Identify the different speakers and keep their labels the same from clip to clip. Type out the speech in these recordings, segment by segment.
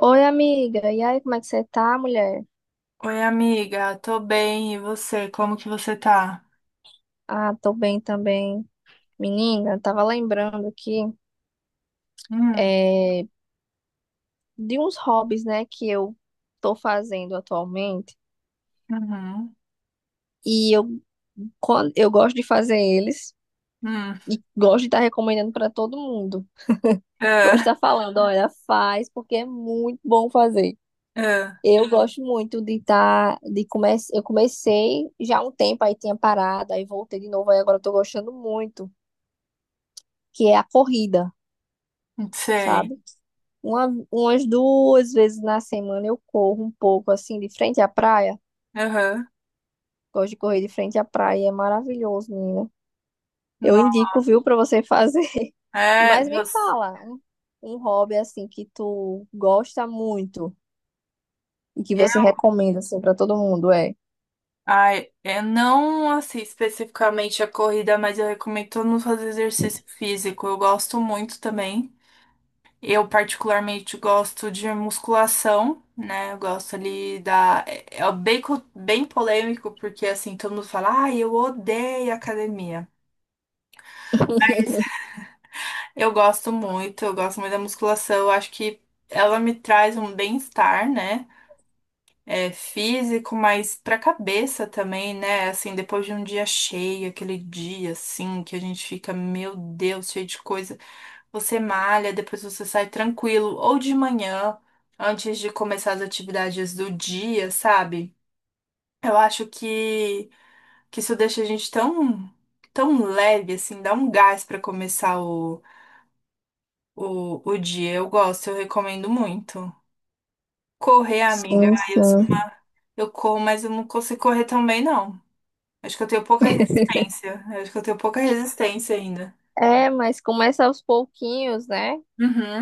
Speaker 1: Oi, amiga. E aí, como é que você tá, mulher?
Speaker 2: Oi, amiga, tô bem, e você? Como que você tá?
Speaker 1: Ah, tô bem também. Menina, eu tava lembrando aqui
Speaker 2: Hum,
Speaker 1: é, de uns hobbies, né, que eu tô fazendo atualmente.
Speaker 2: uhum,
Speaker 1: E eu, eu gosto de fazer eles
Speaker 2: hum,
Speaker 1: e gosto de estar recomendando pra todo mundo. Gosto
Speaker 2: ah,
Speaker 1: de estar falando, olha, faz, porque é muito bom fazer.
Speaker 2: ah,
Speaker 1: Eu gosto muito de estar, eu comecei já há um tempo, aí tinha parado, aí voltei de novo, aí agora eu tô gostando muito, que é a corrida.
Speaker 2: não sei,
Speaker 1: Sabe? Umas duas vezes na semana eu corro um pouco assim de frente à praia.
Speaker 2: aham,
Speaker 1: Gosto de correr de frente à praia, é maravilhoso, menina. Eu
Speaker 2: não,
Speaker 1: indico, viu, pra você fazer.
Speaker 2: é,
Speaker 1: Mas me
Speaker 2: você,
Speaker 1: fala, um hobby assim que tu gosta muito e que você
Speaker 2: eu,
Speaker 1: recomenda assim para todo mundo, é?
Speaker 2: ai, eu não, assim, especificamente a corrida, mas eu recomendo todo mundo fazer exercício físico, eu gosto muito também, eu particularmente gosto de musculação, né, eu gosto ali da, é bem, bem polêmico, porque assim, todo mundo fala, ai, eu odeio academia. Eu gosto muito da musculação. Eu acho que ela me traz um bem-estar, né? É, físico, mas pra cabeça também, né? Assim, depois de um dia cheio, aquele dia assim, que a gente fica, meu Deus, cheio de coisa. Você malha, depois você sai tranquilo, ou de manhã, antes de começar as atividades do dia, sabe? Eu acho que isso deixa a gente tão, tão leve, assim, dá um gás pra começar o dia. Eu gosto, eu recomendo muito. Correr, amiga,
Speaker 1: Sim,
Speaker 2: ai, eu,
Speaker 1: sim.
Speaker 2: eu corro, mas eu não consigo correr tão bem, não. Acho que eu tenho pouca resistência. Acho que eu tenho pouca resistência ainda.
Speaker 1: É, mas começa aos pouquinhos, né?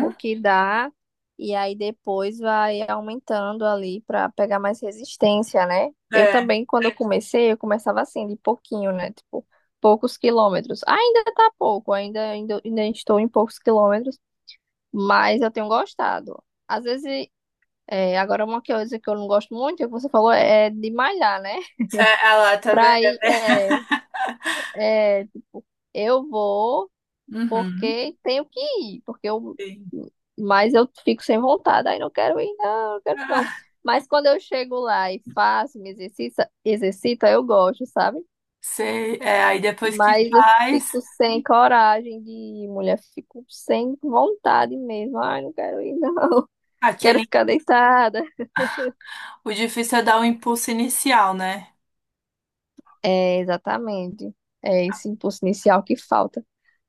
Speaker 1: O que dá, e aí depois vai aumentando ali para pegar mais resistência, né? Eu
Speaker 2: É.
Speaker 1: também, quando eu comecei, eu começava assim, de pouquinho, né? Tipo, poucos quilômetros. Ainda tá pouco, ainda estou em poucos quilômetros, mas eu tenho gostado. Às vezes, agora uma coisa que eu não gosto muito, é o que você falou, é de malhar, né?
Speaker 2: Ah lá, tá vendo?
Speaker 1: Pra ir, tipo, eu vou.
Speaker 2: Uhum.
Speaker 1: Porque tenho que ir,
Speaker 2: Sim.
Speaker 1: mas eu fico sem vontade, aí não quero ir, não quero ir, não.
Speaker 2: Ah,
Speaker 1: Mas quando eu chego lá e faço, me exercita, exercita, eu gosto, sabe?
Speaker 2: sei. É, aí depois que
Speaker 1: Mas eu
Speaker 2: faz,
Speaker 1: fico sem coragem de ir, mulher, fico sem vontade mesmo. Ai, não quero ir, não. Quero
Speaker 2: aquele.
Speaker 1: ficar deitada.
Speaker 2: O difícil é dar o impulso inicial, né?
Speaker 1: É, exatamente. É esse impulso inicial que falta.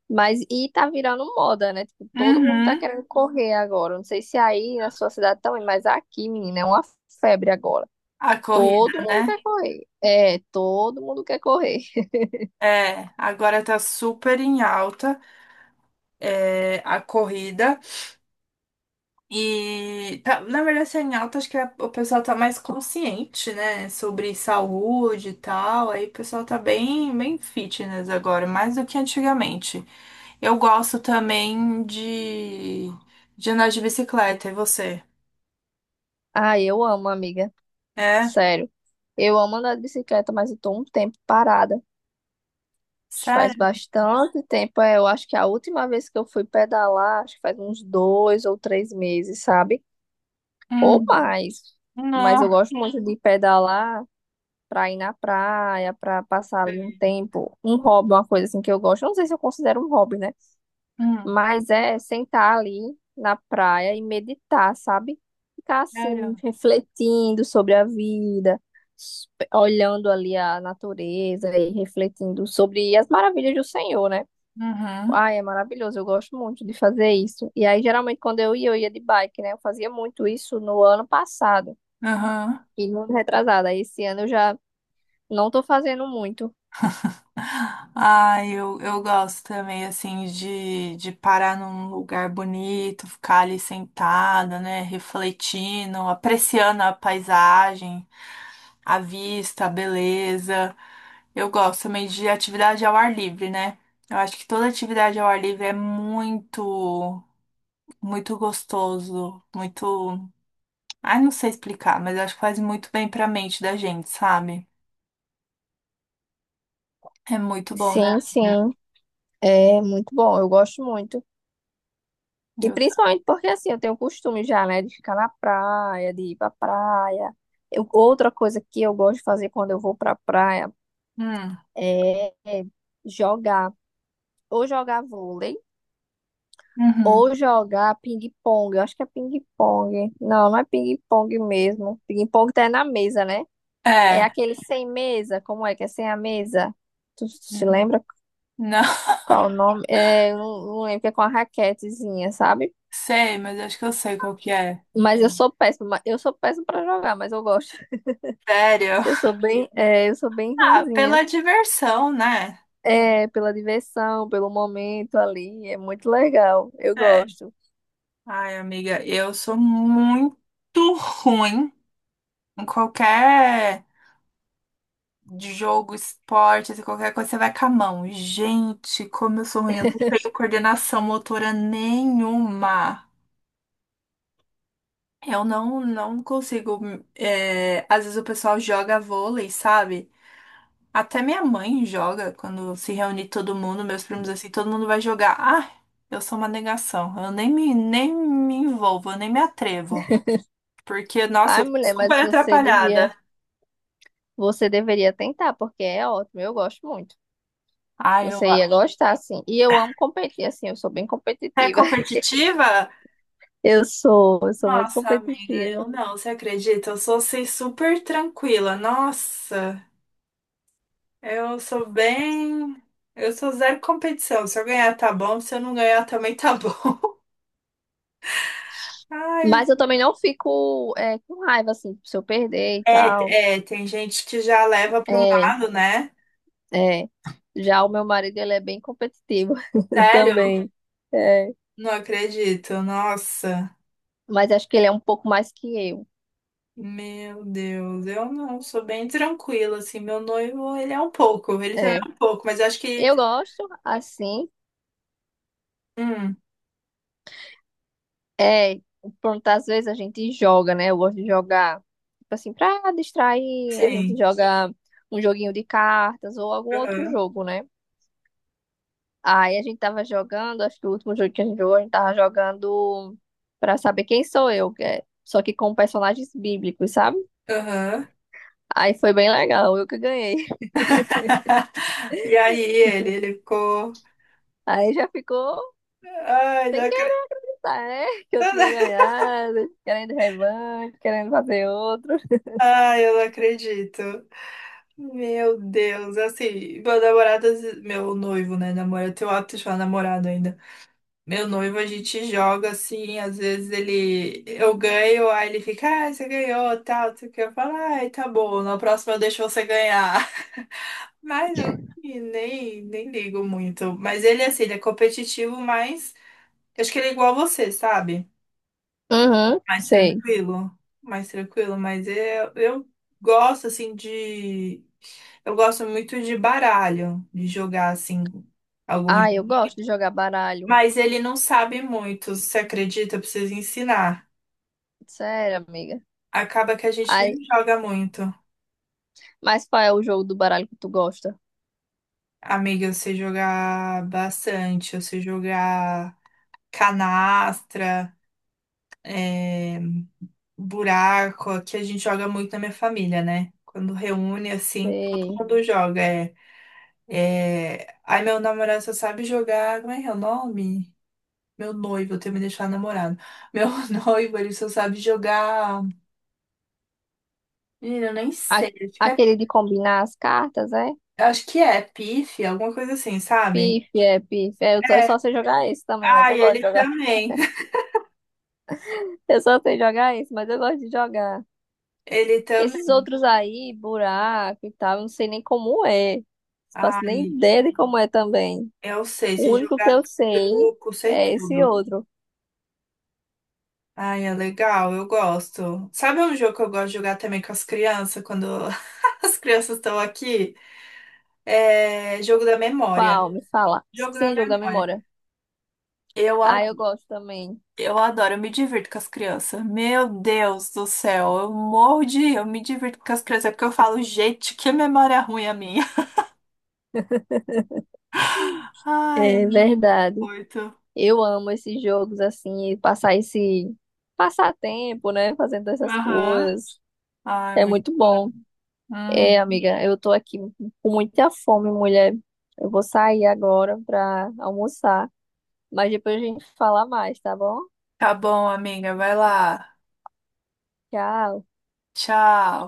Speaker 1: Mas e tá virando moda, né? Tipo, todo mundo tá
Speaker 2: Uhum.
Speaker 1: querendo correr agora. Não sei se aí na sua cidade também, mas aqui, menina, é uma febre agora.
Speaker 2: A corrida,
Speaker 1: Todo mundo
Speaker 2: né?
Speaker 1: quer correr. É, todo mundo quer correr.
Speaker 2: É, agora tá super em alta, é, a corrida. E na verdade tá em alta, acho que o pessoal tá mais consciente, né, sobre saúde e tal. Aí o pessoal tá bem, bem fitness agora, mais do que antigamente. Eu gosto também de, andar de bicicleta, e você?
Speaker 1: Ah, eu amo, amiga.
Speaker 2: É?
Speaker 1: Sério. Eu amo andar de bicicleta, mas eu tô um tempo parada. Acho que faz
Speaker 2: Sério?
Speaker 1: bastante tempo. É, eu acho que a última vez que eu fui pedalar, acho que faz uns dois ou três meses, sabe? Ou
Speaker 2: Hum.
Speaker 1: mais. Mas
Speaker 2: Não.
Speaker 1: eu gosto muito de pedalar. Pra ir na praia, pra passar ali um tempo, um hobby, uma coisa assim que eu gosto. Eu não sei se eu considero um hobby, né?
Speaker 2: Hum.
Speaker 1: Mas é sentar ali na praia e meditar, sabe? Ficar
Speaker 2: Sério?
Speaker 1: assim, refletindo sobre a vida, s- olhando ali a natureza e refletindo sobre as maravilhas do Senhor, né?
Speaker 2: Uhum.
Speaker 1: Ai, é maravilhoso, eu gosto muito de fazer isso. E aí, geralmente, quando eu ia de bike, né? Eu fazia muito isso no ano passado
Speaker 2: Uhum.
Speaker 1: e no ano retrasado. Aí, esse ano eu já não tô fazendo muito.
Speaker 2: Ah, eu, gosto também, assim, de parar num lugar bonito, ficar ali sentada, né, refletindo, apreciando a paisagem, a vista, a beleza. Eu gosto também de atividade ao ar livre, né? Eu acho que toda atividade ao ar livre é muito, muito gostoso, muito. Ai, não sei explicar, mas acho que faz muito bem pra mente da gente, sabe? É muito bom, né?
Speaker 1: Sim, sim, é muito bom, eu gosto muito. E
Speaker 2: Eu...
Speaker 1: principalmente porque assim, eu tenho o costume já, né, de ficar na praia, de ir pra praia. Outra coisa que eu gosto de fazer quando eu vou pra praia
Speaker 2: Hum,
Speaker 1: é jogar, ou jogar vôlei,
Speaker 2: uhum.
Speaker 1: ou jogar ping-pong. Eu acho que é ping-pong. Não, não é ping-pong mesmo. Ping-pong tá na mesa, né? É
Speaker 2: É.
Speaker 1: aquele sem mesa, como é que é sem a mesa? Tu se
Speaker 2: Hum.
Speaker 1: lembra
Speaker 2: Não
Speaker 1: qual o nome? É, eu não, não lembro, que é com a raquetezinha, sabe?
Speaker 2: sei, mas acho que eu sei qual que é.
Speaker 1: Mas eu sou péssima pra jogar, mas eu gosto.
Speaker 2: Sério?
Speaker 1: Eu sou bem, eu sou bem
Speaker 2: Ah,
Speaker 1: ruinzinha.
Speaker 2: pela diversão, né?
Speaker 1: É, pela diversão, pelo momento ali, é muito legal. Eu
Speaker 2: É.
Speaker 1: gosto.
Speaker 2: Ai, amiga, eu sou muito ruim em qualquer jogo, esporte, assim, qualquer coisa, você vai com a mão. Gente, como eu sou ruim, eu não tenho coordenação motora nenhuma. Eu não, não consigo. É, às vezes o pessoal joga vôlei, sabe? Até minha mãe joga quando se reúne todo mundo, meus primos assim, todo mundo vai jogar. Ah, eu sou uma negação. Eu nem me envolvo, eu nem me atrevo. Porque, nossa,
Speaker 1: Ai,
Speaker 2: eu
Speaker 1: mulher,
Speaker 2: sou super atrapalhada.
Speaker 1: você deveria tentar, porque é ótimo, eu gosto muito.
Speaker 2: Ah, eu.
Speaker 1: Você ia gostar, assim. E eu amo competir, assim, eu sou bem
Speaker 2: É
Speaker 1: competitiva.
Speaker 2: competitiva?
Speaker 1: Eu sou muito
Speaker 2: Nossa, amiga,
Speaker 1: competitiva.
Speaker 2: eu não, você acredita? Eu sou assim super tranquila. Nossa, eu sou bem. Eu sou zero competição. Se eu ganhar, tá bom. Se eu não ganhar, também tá bom. Ai,
Speaker 1: Mas eu também não fico, com raiva, assim, se eu perder e tal.
Speaker 2: é, é, tem gente que já leva para um
Speaker 1: É.
Speaker 2: lado, né?
Speaker 1: É. Já o meu marido, ele é bem competitivo
Speaker 2: Sério?
Speaker 1: também. É.
Speaker 2: Não acredito. Nossa,
Speaker 1: Mas acho que ele é um pouco mais que eu.
Speaker 2: meu Deus. Eu não sou bem tranquila assim. Meu noivo, ele é um pouco, ele também
Speaker 1: É.
Speaker 2: é um pouco, mas eu acho que,
Speaker 1: Eu gosto, assim,
Speaker 2: hum,
Speaker 1: é, pronto, às vezes a gente joga, né? Eu gosto de jogar, tipo assim, pra distrair, a gente
Speaker 2: sim.
Speaker 1: joga um joguinho de cartas ou algum outro
Speaker 2: Aham.
Speaker 1: jogo, né? Aí a gente tava jogando, acho que o último jogo que a gente jogou, a gente tava jogando pra saber quem sou eu, só que com personagens bíblicos, sabe?
Speaker 2: Aham.
Speaker 1: Aí foi bem legal, eu que ganhei.
Speaker 2: E aí ele ficou,
Speaker 1: Aí já ficou
Speaker 2: ai, não
Speaker 1: sem
Speaker 2: acredito.
Speaker 1: querer, tá, né? Que eu tinha ganhado, querendo revanche, querendo fazer outro.
Speaker 2: Ai, eu não acredito. Meu Deus, assim, meu namorado, meu noivo, né, namorado, eu tenho o hábito de falar namorado ainda. Meu noivo, a gente joga assim, às vezes ele eu ganho, aí ele fica, ah, você ganhou, tal, tu quer falar, ai, tá bom, na próxima eu deixo você ganhar. Mas eu assim, nem ligo muito. Mas ele, assim, ele é competitivo, mas eu acho que ele é igual a você, sabe?
Speaker 1: Uhum,
Speaker 2: Mais
Speaker 1: sei.
Speaker 2: tranquilo, mais tranquilo, mas eu, gosto, assim, de. Eu gosto muito de baralho, de jogar, assim, alguns.
Speaker 1: Ah, eu gosto de jogar baralho.
Speaker 2: Mas ele não sabe muito, você acredita? Eu preciso ensinar.
Speaker 1: Sério, amiga.
Speaker 2: Acaba que a gente nem
Speaker 1: Aí,
Speaker 2: joga muito.
Speaker 1: mas qual é o jogo do baralho que tu gosta?
Speaker 2: Amiga, você jogar bastante, você jogar canastra, é, buraco, que a gente joga muito na minha família, né? Quando reúne, assim, todo
Speaker 1: Sei.
Speaker 2: mundo joga. É, é... Ai, meu namorado só sabe jogar. Como é que é o nome? Meu noivo, eu tenho que me deixar namorado. Meu noivo, ele só sabe jogar. Menina, eu nem
Speaker 1: A-
Speaker 2: sei.
Speaker 1: aquele de combinar as cartas, é?
Speaker 2: Acho que é pife, alguma coisa assim, sabe?
Speaker 1: Pife, é, pife. É, eu só
Speaker 2: É.
Speaker 1: sei jogar esse também, mas eu
Speaker 2: Ai,
Speaker 1: gosto
Speaker 2: ele
Speaker 1: de jogar.
Speaker 2: também.
Speaker 1: Eu só sei jogar esse, mas eu gosto de jogar.
Speaker 2: Ele também.
Speaker 1: Esses outros aí, buraco e tal, eu não sei nem como é. Não faço nem
Speaker 2: Ai,
Speaker 1: ideia de como é também.
Speaker 2: eu sei,
Speaker 1: O
Speaker 2: se
Speaker 1: único que
Speaker 2: jogar
Speaker 1: eu sei
Speaker 2: truco, sei
Speaker 1: é esse
Speaker 2: tudo.
Speaker 1: outro.
Speaker 2: Ai, é legal, eu gosto. Sabe um jogo que eu gosto de jogar também com as crianças, quando as crianças estão aqui? É jogo da memória.
Speaker 1: Qual? Me fala.
Speaker 2: Jogo da
Speaker 1: Sim, jogo da
Speaker 2: memória.
Speaker 1: memória.
Speaker 2: Eu, a-
Speaker 1: Ah, eu gosto também.
Speaker 2: eu adoro, eu me divirto com as crianças. Meu Deus do céu, eu morro de rir, eu me divirto com as crianças, é porque eu falo, gente, que memória ruim a minha. Ai, é
Speaker 1: É verdade.
Speaker 2: muito.
Speaker 1: Eu amo esses jogos assim, e passar esse passar tempo, né, fazendo essas
Speaker 2: Aham.
Speaker 1: coisas.
Speaker 2: Ai,
Speaker 1: É
Speaker 2: muito.
Speaker 1: muito bom. É,
Speaker 2: Uhum.
Speaker 1: amiga, eu tô aqui com muita fome, mulher. Eu vou sair agora pra almoçar, mas depois a gente fala mais, tá bom?
Speaker 2: Tá bom, amiga, vai lá.
Speaker 1: Tchau.
Speaker 2: Tchau.